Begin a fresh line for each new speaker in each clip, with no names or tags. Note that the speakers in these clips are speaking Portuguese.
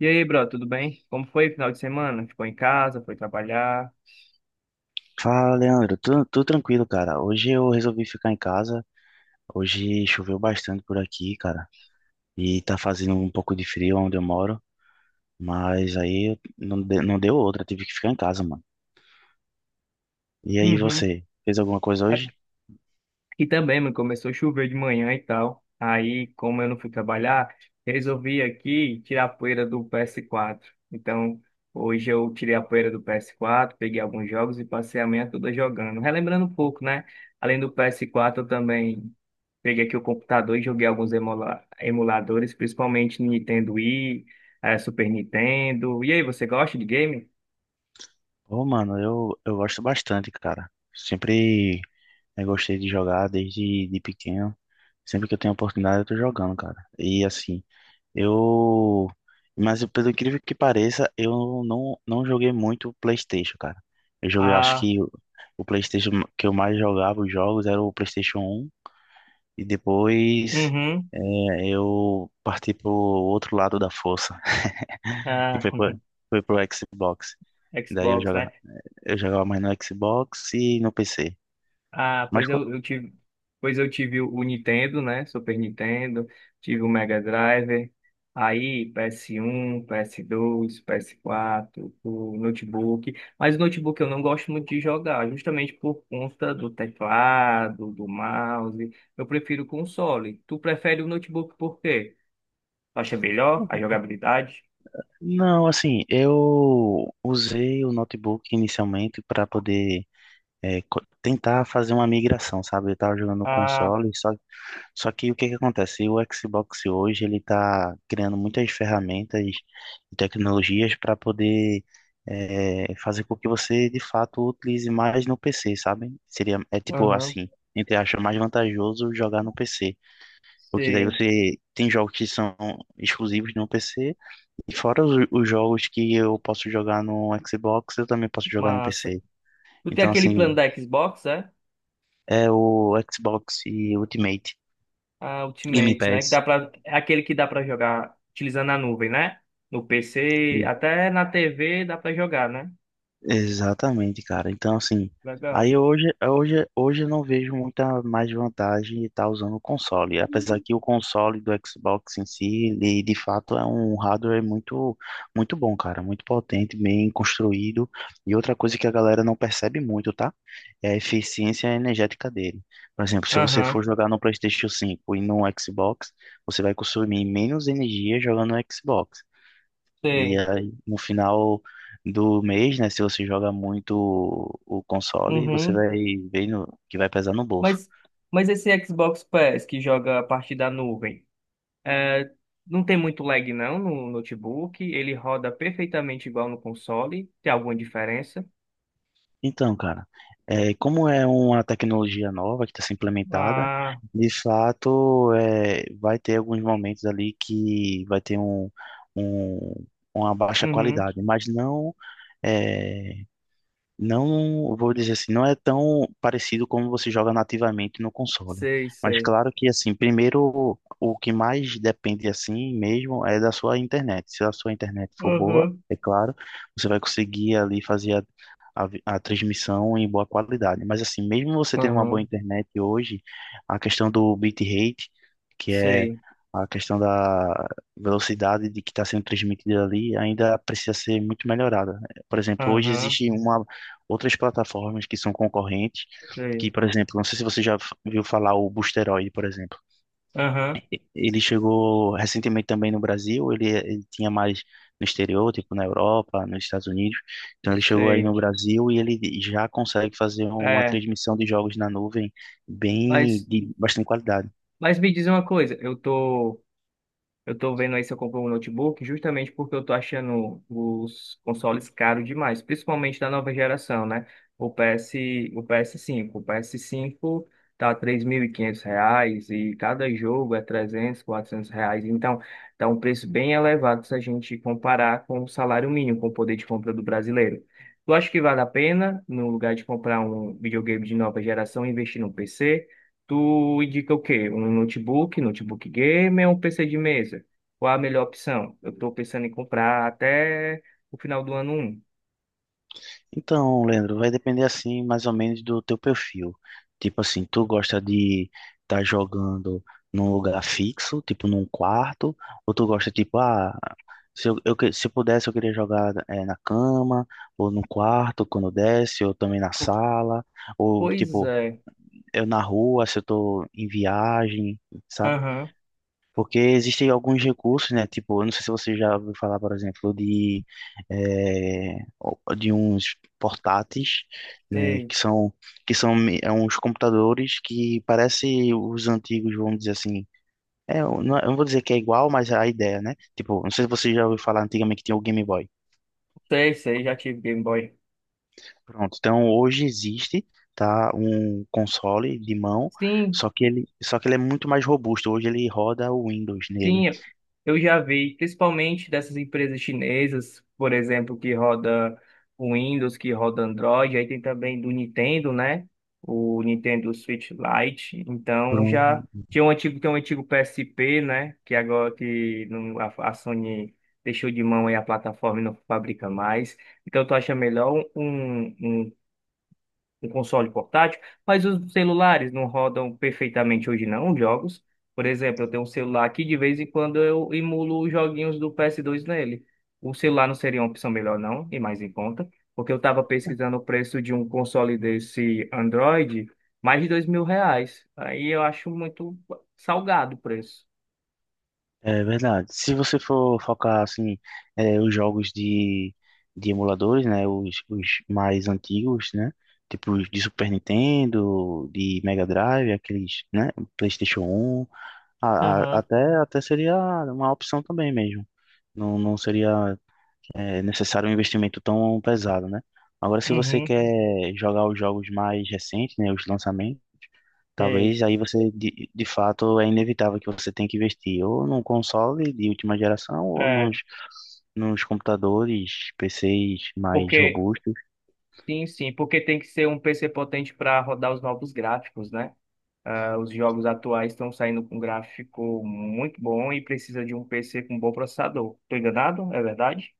E aí, bro, tudo bem? Como foi o final de semana? Ficou em casa, foi trabalhar?
Fala, Leandro. Tudo tranquilo, cara. Hoje eu resolvi ficar em casa. Hoje choveu bastante por aqui, cara. E tá fazendo um pouco de frio onde eu moro. Mas aí não, não deu outra. Tive que ficar em casa, mano. E aí,
Uhum.
você? Fez alguma coisa
Aqui
hoje?
também, mano, começou a chover de manhã e tal. Aí, como eu não fui trabalhar, resolvi aqui tirar a poeira do PS4. Então, hoje eu tirei a poeira do PS4, peguei alguns jogos e passei a manhã toda jogando. Relembrando um pouco, né? Além do PS4, eu também peguei aqui o computador e joguei alguns emuladores, principalmente Nintendo Wii, Super Nintendo. E aí, você gosta de game?
Ô, mano, eu gosto bastante, cara. Sempre eu gostei de jogar desde de pequeno. Sempre que eu tenho oportunidade, eu tô jogando, cara. E assim. Eu, mas pelo incrível que pareça, eu não joguei muito o PlayStation, cara. Eu joguei, acho que o PlayStation que eu mais jogava os jogos era o PlayStation 1. E depois,
Uhum.
eu parti pro outro lado da força, que
Ah,
foi pro Xbox. Daí eu
Xbox,
jogava,
né?
eu jogava mais no Xbox e no PC.
Ah,
Mas co-
pois eu tive o Nintendo, né? Super Nintendo, tive o Mega Drive, aí PS1, PS2, PS4, o notebook. Mas o notebook eu não gosto muito de jogar, justamente por conta do teclado, do mouse. Eu prefiro o console. Tu prefere o notebook por quê? Tu acha melhor a jogabilidade?
não, assim, eu usei o notebook inicialmente para poder tentar fazer uma migração, sabe? Eu tava jogando no
Ah,
console, só. Só que o que que acontece? O Xbox hoje, ele tá criando muitas ferramentas e tecnologias para poder fazer com que você, de fato, utilize mais no PC, sabe? Seria, é tipo
aham,
assim, entre acha mais vantajoso jogar no PC, porque daí
sim,
você tem jogos que são exclusivos no PC, e fora os jogos que eu posso jogar no Xbox, eu também posso jogar no
massa.
PC.
Tu tem
Então,
aquele plano
assim,
da Xbox, é?
é o Xbox e Ultimate
Ah,
Game
Ultimate, né? Que
Pass.
dá pra, é aquele que dá pra jogar utilizando a nuvem, né? No PC, até na TV dá pra jogar, né?
Exatamente, cara. Então, assim,
Legal.
aí hoje eu não vejo muita mais vantagem de estar usando o console. Apesar que o console do Xbox em si, ele de fato é um hardware muito, muito bom, cara. Muito potente, bem construído. E outra coisa que a galera não percebe muito, tá? É a eficiência energética dele. Por exemplo, se você
Aham,
for jogar no PlayStation 5 e no Xbox, você vai consumir menos energia jogando no Xbox. E
sei.
aí, no final do mês, né, se você joga muito o console, você
Uhum.
vai ver que vai pesar no bolso.
Mas, mas esse Xbox Pass que joga a partir da nuvem, é, não tem muito lag não no notebook, ele roda perfeitamente igual no console, tem alguma diferença?
Então, cara, como é uma tecnologia nova que está sendo implementada,
Ah,
de fato, vai ter alguns momentos ali que vai ter um- uma baixa
uhum.
qualidade, mas não é. Não vou dizer assim, não é tão parecido como você joga nativamente no console.
Sei,
Mas
sei.
claro que assim, primeiro o que mais depende assim mesmo é da sua internet. Se a sua internet for boa,
Aham,
é claro, você vai conseguir ali fazer a transmissão em boa qualidade. Mas assim, mesmo você tendo uma boa
aham,
internet hoje, a questão do bitrate, que é
sei.
a questão da velocidade de que está sendo transmitida ali, ainda precisa ser muito melhorada. Por exemplo, hoje
Aham,
existe uma outras plataformas que são concorrentes, que,
sei.
por exemplo, não sei se você já viu falar o Boosteroid, por exemplo.
Aham,
Ele chegou recentemente também no Brasil, ele tinha mais no exterior, tipo na Europa, nos Estados Unidos. Então ele chegou aí
sei.
no Brasil e ele já consegue fazer uma
É.
transmissão de jogos na nuvem bem
Mas,
de bastante qualidade.
mas me diz uma coisa, eu tô vendo aí se eu compro um notebook justamente porque eu tô achando os consoles caros demais, principalmente da nova geração, né? O PS, o PS5, o PS5 tá R$ 3.500 e cada jogo é 300, 400 reais, então tá um preço bem elevado se a gente comparar com o salário mínimo, com o poder de compra do brasileiro. Tu acha que vale a pena, no lugar de comprar um videogame de nova geração, investir num PC? Tu indica o quê? Um notebook, notebook gamer ou um PC de mesa? Qual a melhor opção? Eu tô pensando em comprar até o final do ano um.
Então, Leandro, vai depender assim, mais ou menos do teu perfil. Tipo assim, tu gosta de estar jogando num lugar fixo, tipo num quarto, ou tu gosta tipo, ah, se eu pudesse eu queria jogar na cama, ou no quarto quando desce, ou também na
Po-
sala, ou
Pois
tipo
é.
eu na rua se eu tô em viagem, sabe?
Aham.
Porque existem alguns recursos, né? Tipo, eu não sei se você já ouviu falar, por exemplo, de uns portáteis, né?
Sei,
É uns computadores que parecem os antigos, vamos dizer assim. É, eu não vou dizer que é igual, mas é a ideia, né? Tipo, não sei se você já ouviu falar antigamente que tinha o Game Boy.
sei, sei, já tive Game Boy.
Pronto, então hoje existe, tá? Um console de mão,
Sim,
só que ele é muito mais robusto. Hoje ele roda o Windows nele.
sim, eu já vi, principalmente dessas empresas chinesas, por exemplo, que roda o Windows, que roda Android, aí tem também do Nintendo, né? O Nintendo Switch Lite. Então já
Pronto.
tinha um antigo, tem um antigo PSP, né? Que agora que não- a Sony deixou de mão aí a plataforma e não fabrica mais. Então tu acha melhor um console portátil, mas os celulares não rodam perfeitamente hoje não, os jogos. Por exemplo, eu tenho um celular aqui de vez em quando eu emulo os joguinhos do PS2 nele. O celular não seria uma opção melhor não, e mais em conta, porque eu estava pesquisando o preço de um console desse Android, mais de R$ 2.000. Aí eu acho muito salgado o preço.
É verdade. Se você for focar assim, os jogos de emuladores, né, os mais antigos, né, tipo os de Super Nintendo, de Mega Drive, aqueles, né, PlayStation 1, a- a-
Aham,
até até seria uma opção também mesmo. Não, não seria necessário um investimento tão pesado, né? Agora, se você
uhum,
quer jogar os jogos mais recentes, né, os lançamentos,
sei.
talvez aí você, de fato, é inevitável que você tenha que investir ou num console de última geração ou
É,
nos computadores, PCs mais
porque,
robustos.
sim, sim, porque tem que ser um PC potente para rodar os novos gráficos, né? Ah, os jogos atuais estão saindo com gráfico muito bom e precisa de um PC com bom processador. Tô enganado? É verdade?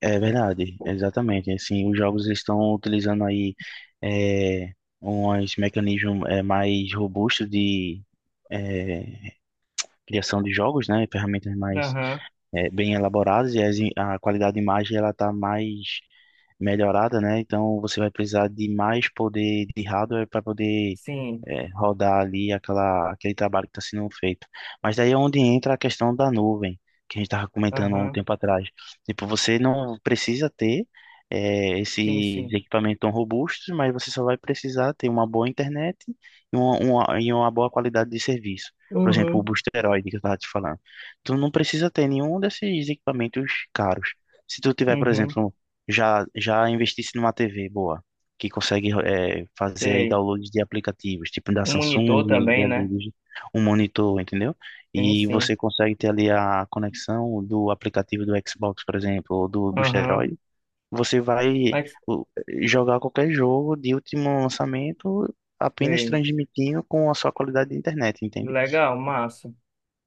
É verdade, exatamente. Assim, os jogos eles estão utilizando aí é, uns mecanismos mais robustos de é, criação de jogos, né? Ferramentas mais
Aham,
bem elaboradas e a qualidade de imagem ela está mais melhorada, né? Então você vai precisar de mais poder de hardware para poder
sim.
rodar ali aquele trabalho que está sendo feito. Mas daí é onde entra a questão da nuvem, que a gente estava comentando há um
Aham,
tempo atrás. Tipo, você não precisa ter
sim,
esses
sim.
equipamentos tão robustos, mas você só vai precisar ter uma boa internet e uma boa qualidade de serviço. Por exemplo, o
Uhum,
Boosteroid que eu estava te falando tu não precisa ter nenhum desses equipamentos caros. Se tu tiver, por
uhum,
exemplo, já já investisse numa TV boa, que consegue fazer aí
sei.
downloads de aplicativos, tipo da
Um monitor
Samsung,
também,
da
né?
LG, um monitor, entendeu?
Sim,
E você
sim.
consegue ter ali a conexão do aplicativo do Xbox, por exemplo, ou do
Aham,
Boosteroid. Você vai
mas
o, jogar qualquer jogo de último lançamento apenas
sei.
transmitindo com a sua qualidade de internet, entende?
Legal, massa.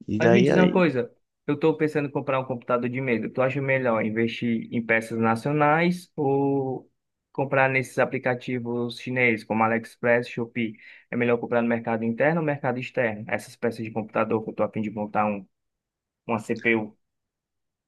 E
Mas me
daí
diz uma coisa, eu estou pensando em comprar um computador de mesa. Tu acha melhor investir em peças nacionais ou comprar nesses aplicativos chineses como AliExpress, Shopee? É melhor comprar no mercado interno ou mercado externo? Essas peças de computador que eu estou a fim de montar uma CPU.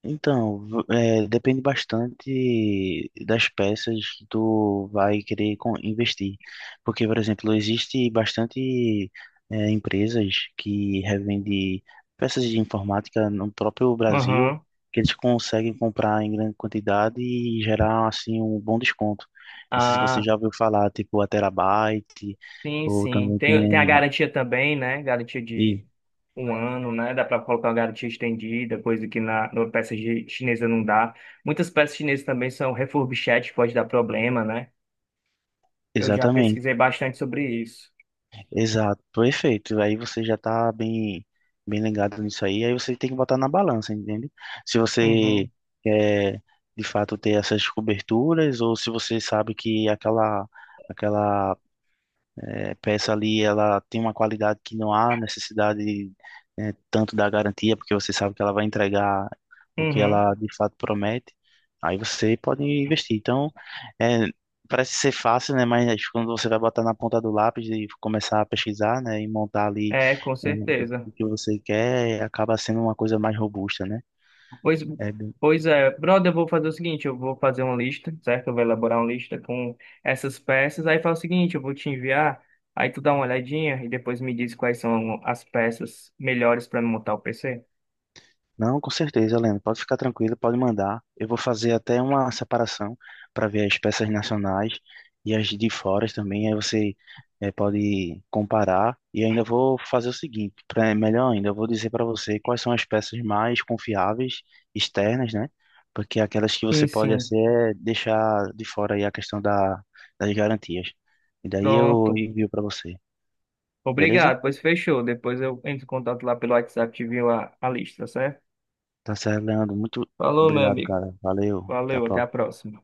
Então, depende bastante das peças que tu vai querer investir. Porque, por exemplo, existe bastante empresas que revendem peças de informática no próprio Brasil,
Aham.
que eles conseguem comprar em grande quantidade e gerar, assim, um bom desconto. Não sei se você
Ah.
já ouviu falar, tipo, a Terabyte,
Sim,
ou
sim.
também
Tem a
tem.
garantia também, né? Garantia
E,
de um ano, né? Dá para colocar uma garantia estendida, coisa que na peça chinesa não dá. Muitas peças chinesas também são refurbished, pode dar problema, né? Eu já
exatamente.
pesquisei bastante sobre isso.
Exato, perfeito. Aí você já tá bem, bem ligado nisso aí. Aí você tem que botar na balança, entende? Se você
Uhum,
quer de fato ter essas coberturas ou se você sabe que aquela peça ali, ela tem uma qualidade que não há necessidade, né, tanto da garantia, porque você sabe que ela vai entregar o que
uhum.
ela de fato promete. Aí você pode investir. Então, é, parece ser fácil, né? Mas quando você vai botar na ponta do lápis e começar a pesquisar, né, e montar ali
É, com
é,
certeza.
o que você quer, acaba sendo uma coisa mais robusta, né?
Pois,
É.
pois é, brother, eu vou fazer o seguinte, eu vou fazer uma lista, certo? Eu vou elaborar uma lista com essas peças, aí faz o seguinte, eu vou te enviar, aí tu dá uma olhadinha e depois me diz quais são as peças melhores para montar o PC.
Não, com certeza, Helena. Pode ficar tranquilo, pode mandar. Eu vou fazer até uma separação para ver as peças nacionais e as de fora também. Aí você pode comparar. E ainda vou fazer o seguinte, pra, melhor ainda, eu vou dizer para você quais são as peças mais confiáveis externas, né? Porque aquelas que você
Sim,
pode
sim,
assim, deixar de fora aí a questão das garantias. E daí eu
pronto.
envio para você, beleza?
Obrigado, pois fechou. Depois eu entro em contato lá pelo WhatsApp e te envio a lista, certo?
Tá certo, Leandro. Muito
Falou, meu
obrigado,
amigo.
cara. Valeu. Até a
Valeu, até a
próxima.
próxima.